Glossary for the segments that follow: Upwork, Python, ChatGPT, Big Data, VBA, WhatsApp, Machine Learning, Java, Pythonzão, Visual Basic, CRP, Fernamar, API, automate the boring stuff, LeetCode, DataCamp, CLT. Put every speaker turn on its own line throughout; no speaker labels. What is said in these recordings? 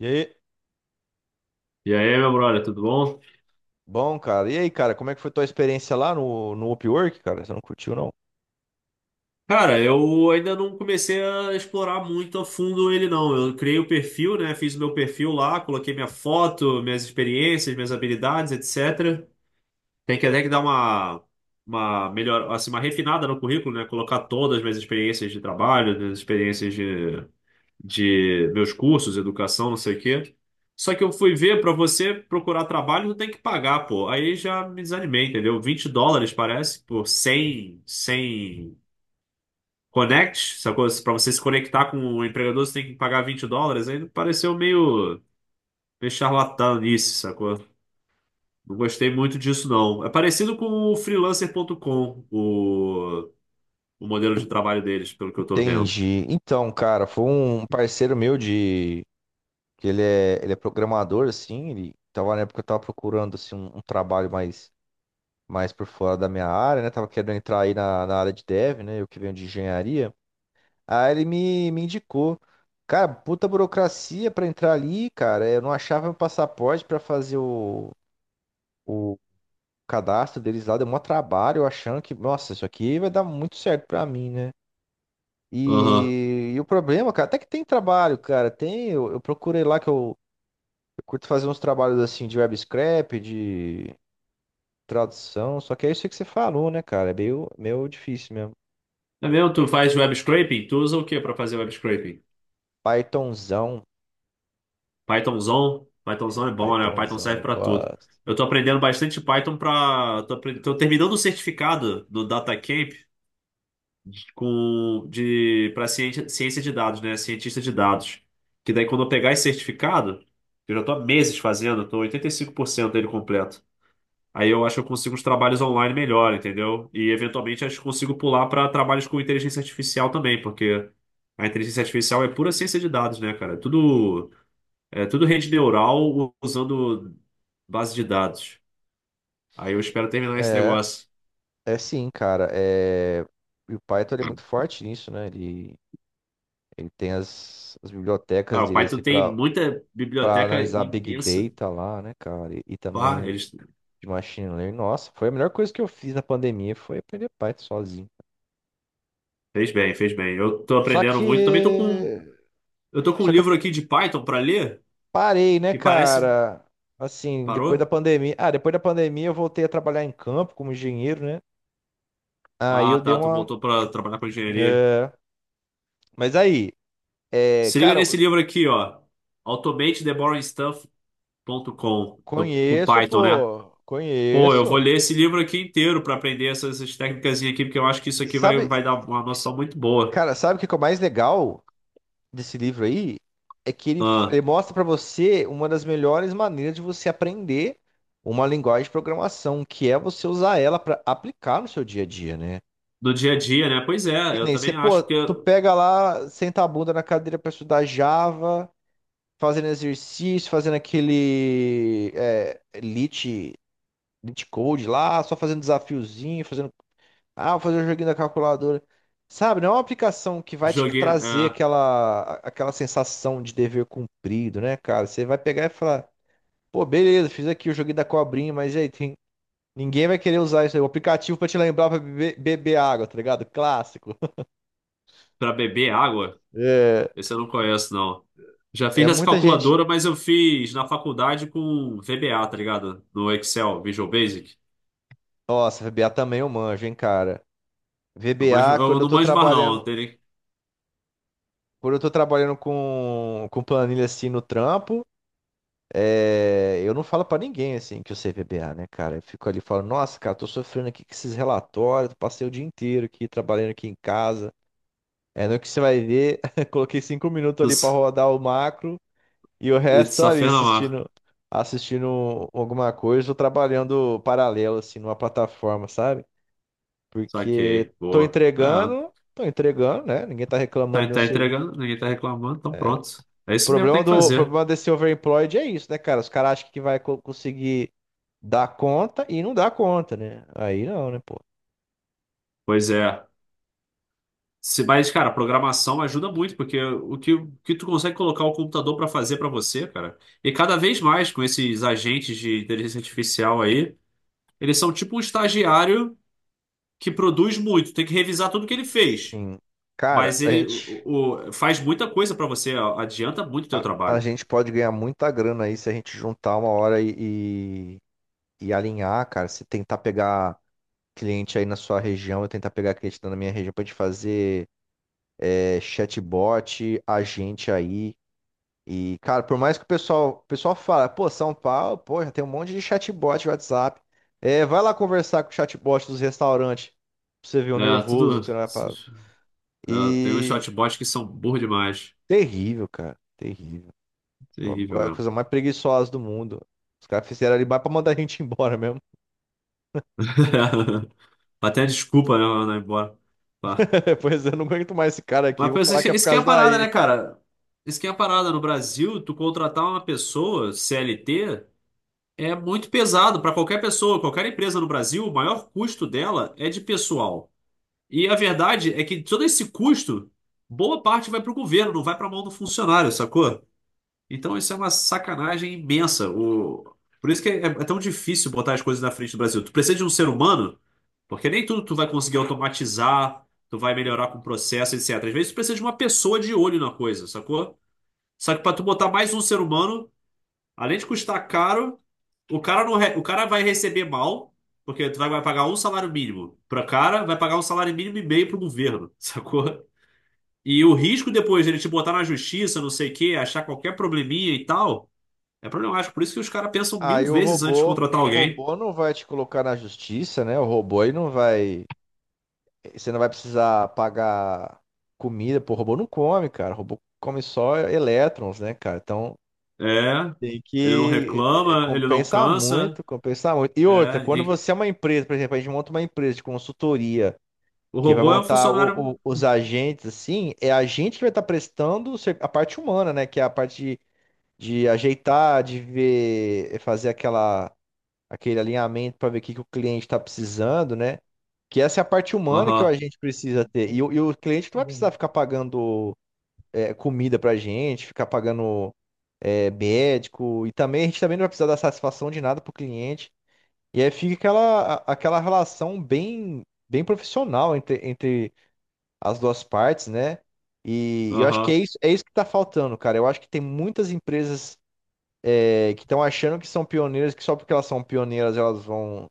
E aí?
E aí, meu brother, tudo bom?
Bom, cara. E aí, cara, como é que foi tua experiência lá no Upwork, cara? Você não curtiu, não?
Cara, eu ainda não comecei a explorar muito a fundo ele, não. Eu criei o perfil, né? Fiz o meu perfil lá, coloquei minha foto, minhas experiências, minhas habilidades, etc. Tem que até que dar uma melhor, assim, uma refinada no currículo, né? Colocar todas as minhas experiências de trabalho, minhas experiências de meus cursos, educação, não sei o quê. Só que eu fui ver, pra você procurar trabalho, tu tem que pagar, pô. Aí já me desanimei, entendeu? US$ 20, parece, por cem Connect, sacou? Pra você se conectar com o empregador, você tem que pagar US$ 20. Aí pareceu meio charlatanice, sacou? Não gostei muito disso, não. É parecido com o freelancer.com, o modelo de trabalho deles, pelo que eu tô vendo.
Entendi. Então, cara, foi um parceiro meu de... que ele é programador, assim, ele tava na época que eu tava procurando, assim, um trabalho mais por fora da minha área, né? Tava querendo entrar aí na área de dev, né? Eu que venho de engenharia. Aí ele me indicou. Cara, puta burocracia pra entrar ali, cara. Eu não achava meu passaporte pra fazer o cadastro deles lá deu maior trabalho, eu achando que, nossa, isso aqui vai dar muito certo pra mim, né?
Aham.
E o problema, cara, até que tem trabalho, cara. Tem, eu procurei lá que eu curto fazer uns trabalhos assim de web scrap, de tradução, só que é isso que você falou, né, cara? É meio difícil mesmo.
É mesmo? Tu faz web scraping? Tu usa o que para fazer web scraping?
Pythonzão.
Pythonzão? Pythonzão é bom, né? Python
Pythonzão,
serve
eu
para tudo.
gosto.
Eu tô aprendendo bastante Python Tô terminando o certificado do DataCamp com de para ciência de dados, né? Cientista de dados. Que daí quando eu pegar esse certificado, que eu já estou há meses fazendo, estou eu por cento dele completo. Aí eu acho que eu consigo os trabalhos online melhor, entendeu? E eventualmente acho que consigo pular para trabalhos com inteligência artificial também, porque a inteligência artificial é pura ciência de dados, né, cara? É tudo rede neural usando base de dados. Aí eu espero terminar esse
É,
negócio.
é sim, cara. É, e o Python, ele é muito forte nisso, né? Ele tem as bibliotecas
Ah, o
dele assim
Python tem
para
muita
para
biblioteca
analisar Big
imensa.
Data lá, né, cara? E
Pá,
também
eles
de Machine Learning. Nossa, foi a melhor coisa que eu fiz na pandemia, foi aprender Python sozinho.
Fez bem, fez bem. Eu tô
Só
aprendendo muito. Também tô com,
que,
eu tô com um
só que eu
livro aqui de Python para ler,
parei, né,
que parece.
cara? Assim, depois da
Parou?
pandemia. Ah, depois da pandemia eu voltei a trabalhar em campo como engenheiro, né? Aí
Ah,
eu dei
tá. Tu
uma.
voltou para trabalhar com engenharia.
é, Mas aí,
Se liga
cara,
nesse
eu
livro aqui, ó. Automate the boring stuff ponto com do, com
conheço,
Python, né?
pô,
Pô, eu vou
conheço.
ler esse livro aqui inteiro para aprender essas técnicas aqui, porque eu acho que isso
E
aqui vai,
sabe,
vai dar uma noção muito boa.
cara, sabe o que que é o mais legal desse livro aí? É que ele,
Ah,
ele mostra para você uma das melhores maneiras de você aprender uma linguagem de programação, que é você usar ela para aplicar no seu dia a dia, né?
no dia a dia, né? Pois é,
E
eu
nem você,
também
pô,
acho que
tu
eu
pega lá, senta a bunda na cadeira para estudar Java, fazendo exercício, fazendo aquele Lit Code lá, só fazendo desafiozinho, fazendo vou fazer o joguinho da calculadora. Sabe, não é uma aplicação que vai te
joguei,
trazer aquela sensação de dever cumprido, né, cara? Você vai pegar e falar, pô, beleza, fiz aqui o joguinho da cobrinha, mas e aí, tem... ninguém vai querer usar isso aí. O aplicativo pra te lembrar pra beber água, tá ligado? Clássico.
para beber água.
É,
Esse eu não conheço, não. Já
é
fiz essa
muita gente.
calculadora, mas eu fiz na faculdade com VBA, tá ligado? No Excel, Visual Basic.
Nossa, VBA também eu manjo, hein, cara.
Eu, manjo-
VBA, quando
eu
eu
não
tô
manjo mais, não. Eu
trabalhando,
tenho...
quando eu tô trabalhando com planilha assim no trampo. É, eu não falo pra ninguém assim que eu sei PBA, né, cara? Eu fico ali falando, nossa, cara, tô sofrendo aqui com esses relatórios, passei o dia inteiro aqui trabalhando aqui em casa. É no que você vai ver, coloquei 5 minutos ali pra rodar o macro e o
It's
resto
a
ali
Fernamar.
assistindo alguma coisa ou trabalhando paralelo assim numa plataforma, sabe? Porque
Saquei. Boa. É,
tô entregando, né? Ninguém tá
tá,
reclamando do meu
tá
serviço.
entregando, ninguém tá reclamando, então
É.
pronto. É
O
isso mesmo que tem
problema
que
do, o
fazer.
problema desse overemployed é isso, né, cara? Os caras acham que vai conseguir dá conta e não dá conta, né? Aí não, né, pô?
Pois é. Se, mas, cara, programação ajuda muito, porque o que tu consegue colocar o computador pra fazer pra você, cara. E cada vez mais com esses agentes de inteligência artificial aí, eles são tipo um estagiário que produz muito, tem que revisar tudo que ele fez.
Sim. Cara,
Mas
a
ele
gente,
faz muita coisa pra você, adianta muito o teu
a, a
trabalho.
gente pode ganhar muita grana aí se a gente juntar uma hora e alinhar, cara. Se tentar pegar cliente aí na sua região, eu tentar pegar cliente na minha região pra gente fazer chatbot, agente aí. E, cara, por mais que o pessoal fala, pô, São Paulo, pô, já tem um monte de chatbot de WhatsApp. É, vai lá conversar com o chatbot dos restaurantes. Pra você ver o
É,
nervoso que
tudo.
você vai.
É, tem uns
E
chatbots que são burro demais.
terrível, cara. Terrível.
Terrível
A
mesmo.
coisa mais preguiçosa do mundo. Os caras fizeram ali mais pra mandar a gente embora mesmo.
Até desculpa, né, mano, ir embora. Pá.
Pois eu não aguento mais esse cara aqui.
Mas
Vou
pensa,
falar
isso
que é por
isso que é a
causa da
parada,
AI.
né, cara? Isso que é a parada. No Brasil, tu contratar uma pessoa CLT é muito pesado pra qualquer pessoa, qualquer empresa no Brasil, o maior custo dela é de pessoal. E a verdade é que todo esse custo, boa parte vai para o governo, não vai para a mão do funcionário, sacou? Então isso é uma sacanagem imensa. O... Por isso que é tão difícil botar as coisas na frente do Brasil. Tu precisa de um ser humano, porque nem tudo tu vai conseguir automatizar, tu vai melhorar com o processo, etc. Às vezes tu precisa de uma pessoa de olho na coisa, sacou? Só que para tu botar mais um ser humano, além de custar caro, o cara, não re- o cara vai receber mal, porque tu vai pagar um salário mínimo para cara, vai pagar um salário mínimo e meio pro governo, sacou? E o risco depois dele te botar na justiça, não sei o quê, achar qualquer probleminha e tal, é problemático. Por isso que os caras pensam mil
Aí o
vezes antes de
robô,
contratar
o
alguém.
robô não vai te colocar na justiça, né? O robô aí não vai. Você não vai precisar pagar comida, pô. O robô não come, cara. O robô come só elétrons, né, cara? Então.
É,
Tem
ele não
que
reclama, ele não
compensar muito,
cansa.
compensar muito. E outra,
É,
quando
e
você é uma empresa, por exemplo, a gente monta uma empresa de consultoria
o
que vai
robô é um
montar
funcionário.
os agentes, assim, é a gente que vai estar prestando a parte humana, né? Que é a parte de ajeitar, de ver, fazer aquele alinhamento para ver o que, que o cliente está precisando, né? Que essa é a parte humana que o
Aham,
agente precisa ter. E o cliente não vai precisar ficar pagando comida pra gente, ficar pagando médico, e também a gente também não vai precisar dar satisfação de nada pro cliente. E aí fica aquela, aquela relação bem, bem profissional entre as duas partes, né? E eu acho que
aham.
é isso que tá faltando, cara. Eu acho que tem muitas empresas que estão achando que são pioneiras, que só porque elas são pioneiras elas vão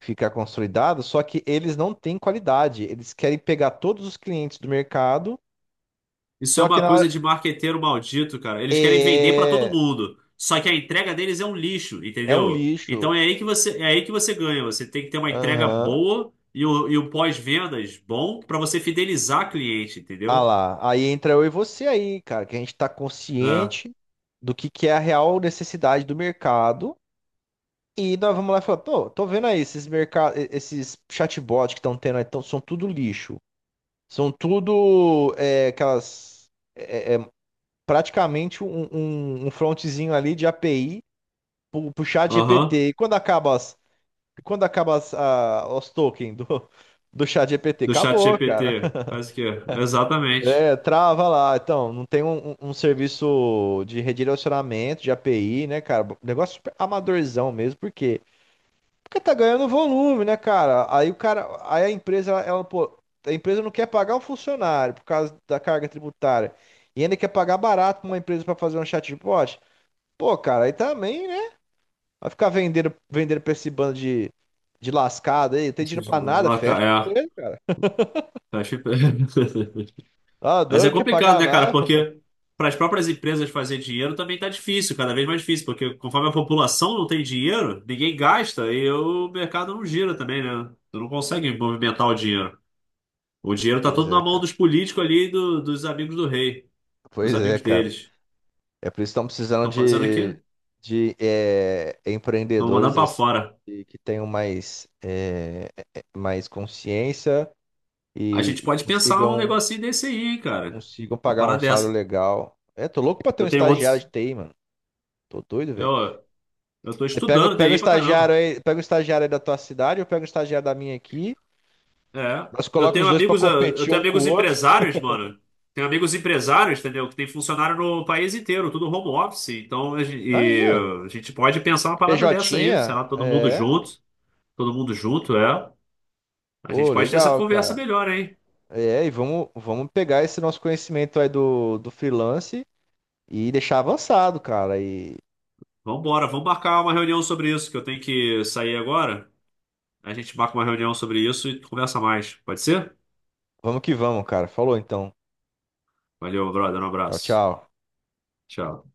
ficar consolidadas, só que eles não têm qualidade. Eles querem pegar todos os clientes do mercado,
Isso é
só que
uma
na
coisa
hora.
de marqueteiro maldito, cara. Eles querem vender pra todo
É,
mundo. Só que a entrega deles é um lixo,
é um
entendeu?
lixo.
Então é aí que você, é aí que você ganha. Você tem que ter uma entrega
Aham.
boa e o pós-vendas bom pra você fidelizar cliente,
Ah
entendeu?
lá. Aí entra eu e você aí, cara, que a gente tá
É.
consciente do que é a real necessidade do mercado. E nós vamos lá e falamos, tô vendo aí esses mercados, esses chatbots que estão tendo aí, são tudo lixo. São tudo aquelas. É, é praticamente um frontzinho ali de API pro chat
Aham.
GPT. E quando acaba os tokens do chat GPT?
Do chat
Acabou, cara.
GPT. Faz o quê? Exatamente.
É, trava lá. Então, não tem um serviço de redirecionamento de API, né, cara? Negócio super amadorzão mesmo. Porque tá ganhando volume, né, cara? Aí a empresa, a empresa não quer pagar o funcionário por causa da carga tributária. E ainda quer pagar barato pra uma empresa pra fazer um chatbot. Pô, cara, aí também, né? Vai ficar vendendo, vendendo pra esse bando de lascado aí, não tem dinheiro
Esses
pra nada, fecha a
É.
empresa, cara.
Tá chip-
Tá
Mas
doido,
é
não quer
complicado,
pagar
né, cara?
nada.
Porque para as próprias empresas fazer dinheiro também tá difícil, cada vez mais difícil, porque conforme a população não tem dinheiro, ninguém gasta e o mercado não gira também, né? Tu não consegue movimentar o dinheiro. O dinheiro tá
Pois
todo na
é,
mão
cara.
dos políticos ali, e dos amigos do rei,
Pois
dos
é,
amigos
cara.
deles.
É por isso que estão precisando
Estão fazendo o quê?
de
Estão mandando
empreendedores
para
assim,
fora.
que tenham mais consciência
A
e,
gente
e
pode pensar um
consigam,
negocinho desse aí, hein, cara.
consigam
Uma
pagar um
parada
salário
dessa.
legal. É, tô louco pra ter um
Eu tenho
estagiário de
outros.
TI, mano. Tô doido, velho.
Eu, eu tô
Você pega,
estudando
pega um
TI pra
estagiário
caramba.
aí, pega um estagiário aí da tua cidade, eu pego um estagiário da minha aqui.
É.
Nós
Eu
colocamos
tenho
os dois pra
amigos, ah, eu
competir
tenho
um com o
amigos
outro.
empresários, mano. Tenho amigos empresários, entendeu? Que tem funcionário no país inteiro, tudo home office. Então
Aí, ó.
a gente pode pensar uma parada dessa aí, sei
PJ,
lá,
é.
todo mundo junto, é. A gente
Ô,
pode ter essa
legal,
conversa
cara.
melhor, hein?
É, e vamos pegar esse nosso conhecimento aí do freelance e deixar avançado, cara. E
Vambora, vamos marcar uma reunião sobre isso, que eu tenho que sair agora. A gente marca uma reunião sobre isso e conversa mais. Pode ser?
vamos que vamos, cara. Falou então.
Valeu, brother, um
Tchau,
abraço.
tchau.
Tchau.